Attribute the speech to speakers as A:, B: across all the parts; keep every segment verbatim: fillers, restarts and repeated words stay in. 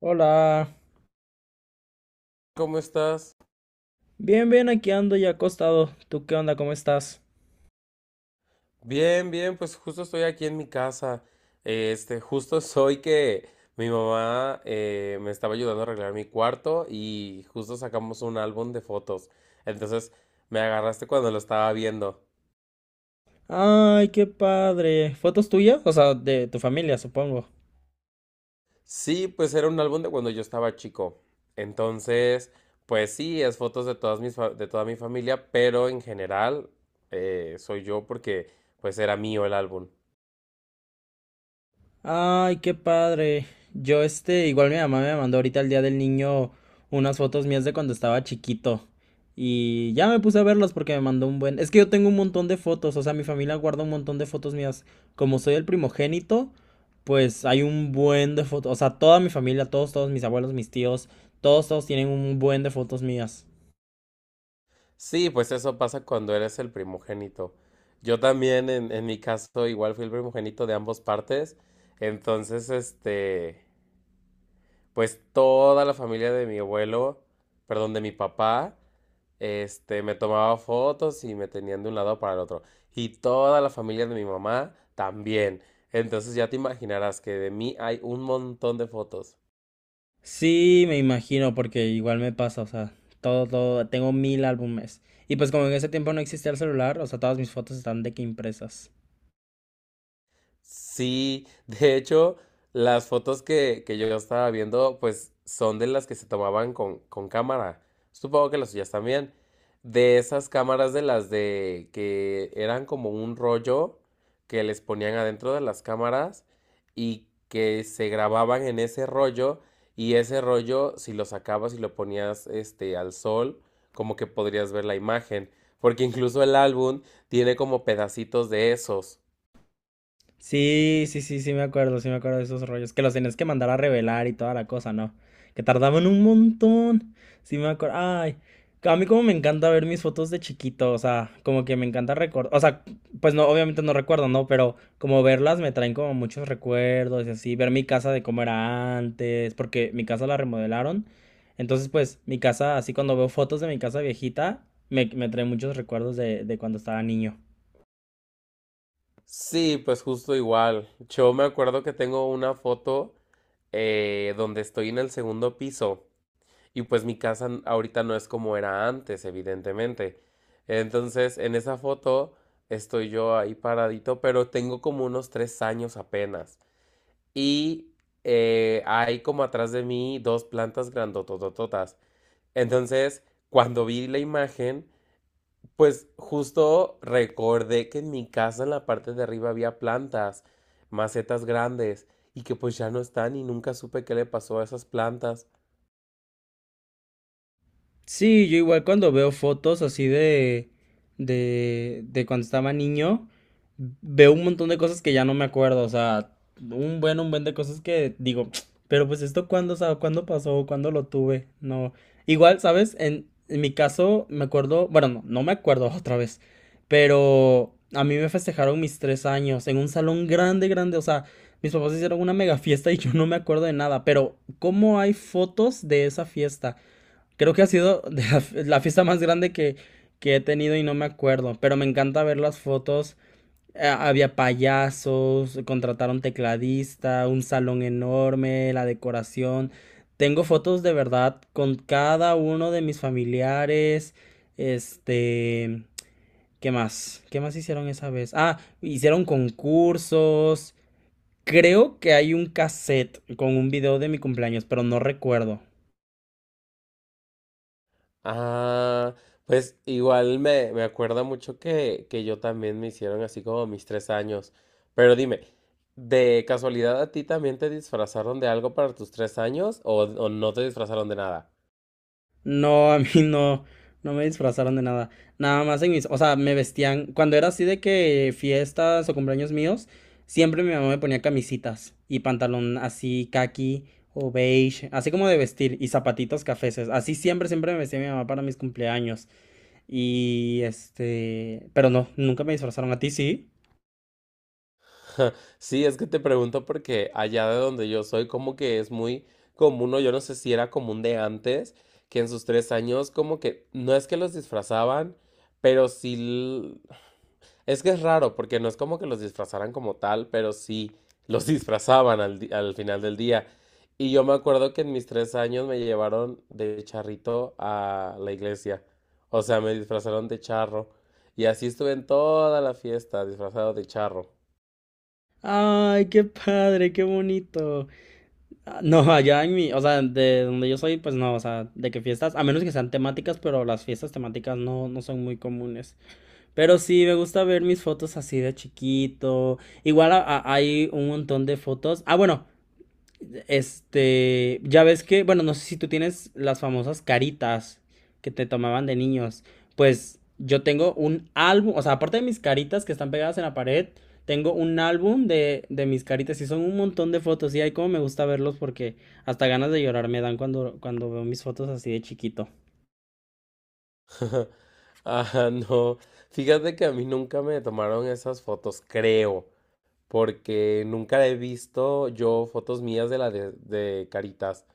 A: Hola.
B: ¿Cómo estás?
A: Bien, bien, aquí ando ya acostado. ¿Tú qué onda? ¿Cómo estás?
B: Bien, bien, pues justo estoy aquí en mi casa. Este, justo soy que mi mamá eh, me estaba ayudando a arreglar mi cuarto y justo sacamos un álbum de fotos. Entonces me agarraste cuando lo estaba viendo.
A: Ay, qué padre. ¿Fotos tuyas? O sea, de tu familia, supongo.
B: Sí, pues era un álbum de cuando yo estaba chico. Entonces, pues sí, es fotos de todas mis fa- de toda mi familia, pero en general eh, soy yo porque pues era mío el álbum.
A: Ay, qué padre. Yo, este, igual mi mamá me mandó ahorita el día del niño unas fotos mías de cuando estaba chiquito. Y ya me puse a verlas porque me mandó un buen. Es que yo tengo un montón de fotos, o sea, mi familia guarda un montón de fotos mías. Como soy el primogénito, pues hay un buen de fotos. O sea, toda mi familia, todos, todos mis abuelos, mis tíos, todos, todos tienen un buen de fotos mías.
B: Sí, pues eso pasa cuando eres el primogénito. Yo también, en, en mi caso, igual fui el primogénito de ambas partes. Entonces, este, pues toda la familia de mi abuelo, perdón, de mi papá, este, me tomaba fotos y me tenían de un lado para el otro. Y toda la familia de mi mamá también. Entonces ya te imaginarás que de mí hay un montón de fotos.
A: Sí, me imagino, porque igual me pasa, o sea, todo, todo, tengo mil álbumes. Y pues como en ese tiempo no existía el celular, o sea, todas mis fotos están de que impresas.
B: Sí, de hecho, las fotos que, que yo estaba viendo, pues son de las que se tomaban con, con cámara. Supongo que las suyas también. De esas cámaras de las de que eran como un rollo que les ponían adentro de las cámaras y que se grababan en ese rollo y ese rollo, si lo sacabas y lo ponías este al sol, como que podrías ver la imagen, porque incluso el álbum tiene como pedacitos de esos.
A: Sí, sí, sí, sí me acuerdo, sí me acuerdo de esos rollos. Que los tenías que mandar a revelar y toda la cosa, ¿no? Que tardaban un montón. Sí me acuerdo. Ay, a mí como me encanta ver mis fotos de chiquito, o sea, como que me encanta recordar, o sea, pues no, obviamente no recuerdo, ¿no? Pero como verlas me traen como muchos recuerdos y así, ver mi casa de cómo era antes, porque mi casa la remodelaron. Entonces, pues, mi casa, así cuando veo fotos de mi casa viejita, me, me trae muchos recuerdos de, de cuando estaba niño.
B: Sí, pues justo igual. Yo me acuerdo que tengo una foto eh, donde estoy en el segundo piso y pues mi casa n- ahorita no es como era antes, evidentemente. Entonces, en esa foto estoy yo ahí paradito, pero tengo como unos tres años apenas. Y eh, hay como atrás de mí dos plantas grandototototas. Entonces, cuando vi la imagen, pues justo recordé que en mi casa en la parte de arriba había plantas, macetas grandes, y que pues ya no están y nunca supe qué le pasó a esas plantas.
A: Sí, yo igual cuando veo fotos así de, de, de cuando estaba niño, veo un montón de cosas que ya no me acuerdo, o sea, un buen, un buen de cosas que digo, pero pues esto cuándo, o sea, cuándo pasó, cuándo lo tuve, no. Igual, ¿sabes? En, en mi caso me acuerdo, bueno, no, no me acuerdo otra vez, pero a mí me festejaron mis tres años en un salón grande, grande, o sea, mis papás hicieron una mega fiesta y yo no me acuerdo de nada, pero ¿cómo hay fotos de esa fiesta? Creo que ha sido de la, la fiesta más grande que, que he tenido y no me acuerdo, pero me encanta ver las fotos. A- había payasos, contrataron tecladista, un salón enorme, la decoración. Tengo fotos de verdad con cada uno de mis familiares. Este, ¿qué más? ¿Qué más hicieron esa vez? Ah, hicieron concursos. Creo que hay un cassette con un video de mi cumpleaños, pero no recuerdo.
B: Ah, pues igual me, me acuerda mucho que, que yo también me hicieron así como mis tres años. Pero dime, ¿de casualidad a ti también te disfrazaron de algo para tus tres años o, o no te disfrazaron de nada?
A: No, a mí no, No me disfrazaron de nada. Nada más en mis, o sea, me vestían, cuando era así de que fiestas o cumpleaños míos, siempre mi mamá me ponía camisitas y pantalón así caqui o beige, así como de vestir y zapatitos cafeses. Así siempre, siempre me vestía mi mamá para mis cumpleaños. Y este, pero no, nunca me disfrazaron a ti, ¿sí?
B: Sí, es que te pregunto porque allá de donde yo soy, como que es muy común, o yo no sé si era común de antes, que en sus tres años, como que no es que los disfrazaban, pero sí. l- Es que es raro, porque no es como que los disfrazaran como tal, pero sí los disfrazaban al, di- al final del día. Y yo me acuerdo que en mis tres años me llevaron de charrito a la iglesia. O sea, me disfrazaron de charro. Y así estuve en toda la fiesta, disfrazado de charro.
A: Ay, qué padre, qué bonito. Ah, no, allá en mi, o sea, de donde yo soy, pues no, o sea, de que fiestas, a menos que sean temáticas, pero las fiestas temáticas no, no son muy comunes. Pero sí, me gusta ver mis fotos así de chiquito. Igual a- a- hay un montón de fotos. Ah, bueno, este, ya ves que, bueno, no sé si tú tienes las famosas caritas que te tomaban de niños. Pues yo tengo un álbum, o sea, aparte de mis caritas que están pegadas en la pared, tengo un álbum de, de mis caritas y son un montón de fotos. Y ahí como me gusta verlos porque hasta ganas de llorar me dan cuando, cuando veo mis fotos así de chiquito.
B: Ah, no. Fíjate que a mí nunca me tomaron esas fotos, creo, porque nunca he visto yo fotos mías de la de, de Caritas.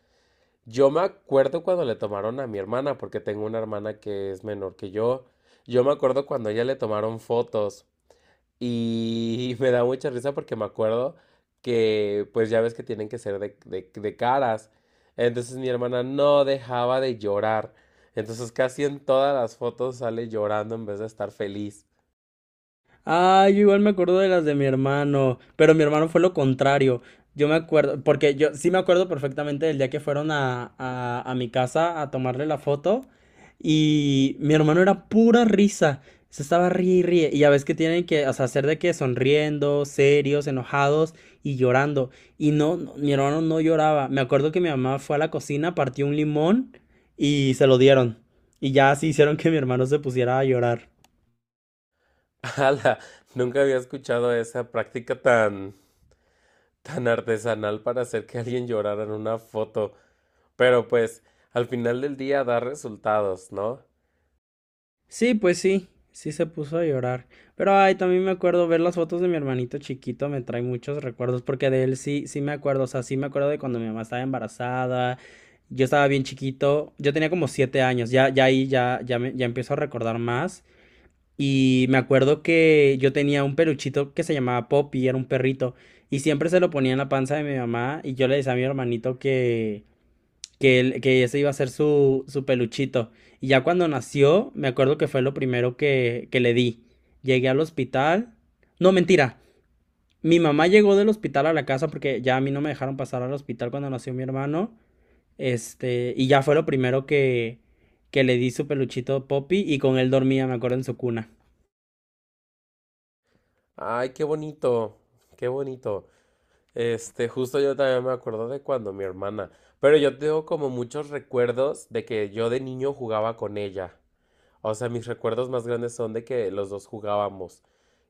B: Yo me acuerdo cuando le tomaron a mi hermana, porque tengo una hermana que es menor que yo. Yo me acuerdo cuando a ella le tomaron fotos. Y me da mucha risa porque me acuerdo que, pues ya ves que tienen que ser de, de- de caras. Entonces mi hermana no dejaba de llorar. Entonces casi en todas las fotos sale llorando en vez de estar feliz.
A: Ah, yo igual me acuerdo de las de mi hermano, pero mi hermano fue lo contrario. Yo me acuerdo, porque yo sí me acuerdo perfectamente del día que fueron a, a, a mi casa a tomarle la foto y mi hermano era pura risa. Se estaba ríe y ríe. Y ya ves que tienen que, o sea, hacer de que sonriendo, serios, enojados y llorando. Y no, no, mi hermano no lloraba. Me acuerdo que mi mamá fue a la cocina, partió un limón y se lo dieron. Y ya así hicieron que mi hermano se pusiera a llorar.
B: ¡Hala! Nunca había escuchado esa práctica tan, tan artesanal para hacer que alguien llorara en una foto. Pero pues al final del día da resultados, ¿no?
A: Sí, pues sí, sí se puso a llorar. Pero ay, también me acuerdo ver las fotos de mi hermanito chiquito, me trae muchos recuerdos, porque de él sí, sí me acuerdo, o sea, sí me acuerdo de cuando mi mamá estaba embarazada, yo estaba bien chiquito, yo tenía como siete años, ya, ya ahí ya, ya me, ya empiezo a recordar más. Y me acuerdo que yo tenía un peluchito que se llamaba Poppy, era un perrito, y siempre se lo ponía en la panza de mi mamá, y yo le decía a mi hermanito que que, él- que ese iba a ser su, su peluchito. Y ya cuando nació, me acuerdo que fue lo primero que, que le di. Llegué al hospital. No, mentira. Mi mamá llegó del hospital a la casa porque ya a mí no me dejaron pasar al hospital cuando nació mi hermano. Este, y ya fue lo primero que, que le di su peluchito Poppy y con él dormía, me acuerdo, en su cuna.
B: ¡Ay, qué bonito! ¡Qué bonito! Este, justo yo también me acuerdo de cuando mi hermana, pero yo tengo como muchos recuerdos de que yo de niño jugaba con ella. O sea, mis recuerdos más grandes son de que los dos jugábamos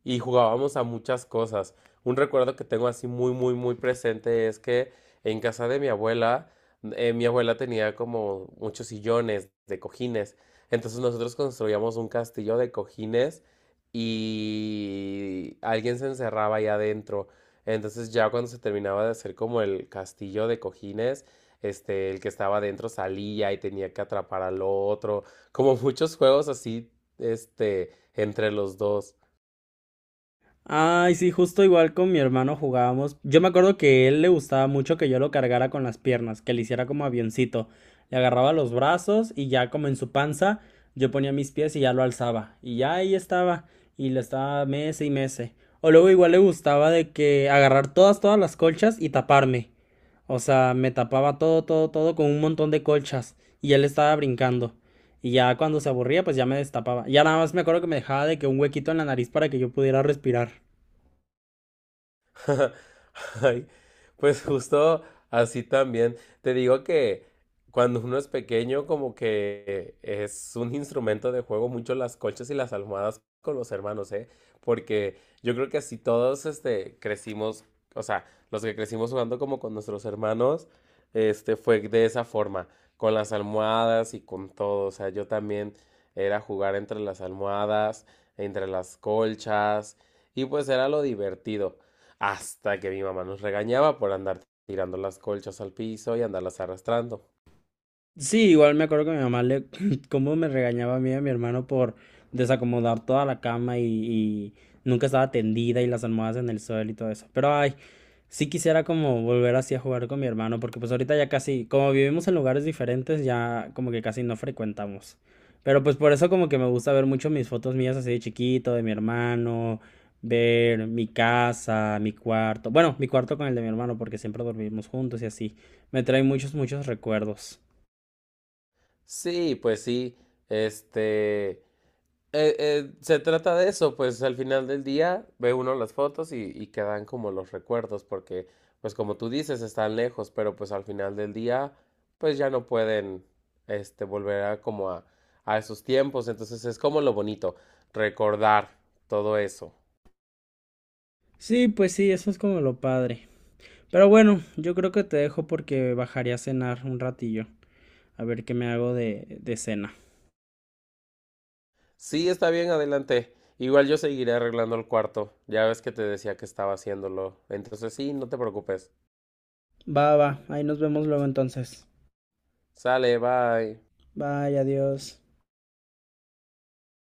B: y jugábamos a muchas cosas. Un recuerdo que tengo así muy, muy, muy presente es que en casa de mi abuela, eh, mi abuela tenía como muchos sillones de cojines. Entonces nosotros construíamos un castillo de cojines y alguien se encerraba ahí adentro. Entonces ya cuando se terminaba de hacer como el castillo de cojines, este, el que estaba adentro salía y tenía que atrapar al otro como muchos juegos así, este, entre los dos.
A: Ay, sí, justo igual con mi hermano jugábamos. Yo me acuerdo que él le gustaba mucho que yo lo cargara con las piernas, que le hiciera como avioncito. Le agarraba los brazos y ya como en su panza, yo ponía mis pies y ya lo alzaba. Y ya ahí estaba. Y le estaba mece y mece. O luego igual le gustaba de que agarrar todas, todas las colchas y taparme. O sea, me tapaba todo, todo, todo con un montón de colchas. Y él estaba brincando. Y ya cuando se aburría, pues ya me destapaba. Ya nada más me acuerdo que me dejaba de que un huequito en la nariz para que yo pudiera respirar.
B: Ay, pues justo así también. Te digo que cuando uno es pequeño, como que es un instrumento de juego mucho las colchas y las almohadas con los hermanos, ¿eh? Porque yo creo que así todos, este, crecimos, o sea, los que crecimos jugando como con nuestros hermanos, este, fue de esa forma, con las almohadas y con todo. O sea, yo también era jugar entre las almohadas, entre las colchas, y pues era lo divertido. Hasta que mi mamá nos regañaba por andar tirando las colchas al piso y andarlas arrastrando.
A: Sí, igual me acuerdo que mi mamá le, cómo me regañaba a mí y a mi hermano por desacomodar toda la cama y, y nunca estaba tendida y las almohadas en el suelo y todo eso. Pero ay, sí quisiera como volver así a jugar con mi hermano, porque pues ahorita ya casi, como vivimos en lugares diferentes, ya como que casi no frecuentamos. Pero pues por eso como que me gusta ver mucho mis fotos mías así de chiquito, de mi hermano, ver mi casa, mi cuarto. Bueno, mi cuarto con el de mi hermano, porque siempre dormimos juntos y así. Me trae muchos, muchos recuerdos.
B: Sí, pues sí, este, eh, eh, se trata de eso, pues al final del día ve uno las fotos y, y quedan como los recuerdos, porque pues como tú dices, están lejos, pero pues al final del día pues ya no pueden, este, volver a como a, a esos tiempos, entonces es como lo bonito, recordar todo eso.
A: Sí, pues sí, eso es como lo padre. Pero bueno, yo creo que te dejo porque bajaré a cenar un ratillo. A ver qué me hago de, de cena.
B: Sí, está bien, adelante. Igual yo seguiré arreglando el cuarto. Ya ves que te decía que estaba haciéndolo. Entonces sí, no te preocupes.
A: Va, va, ahí nos vemos luego entonces.
B: Sale, bye.
A: Bye, adiós.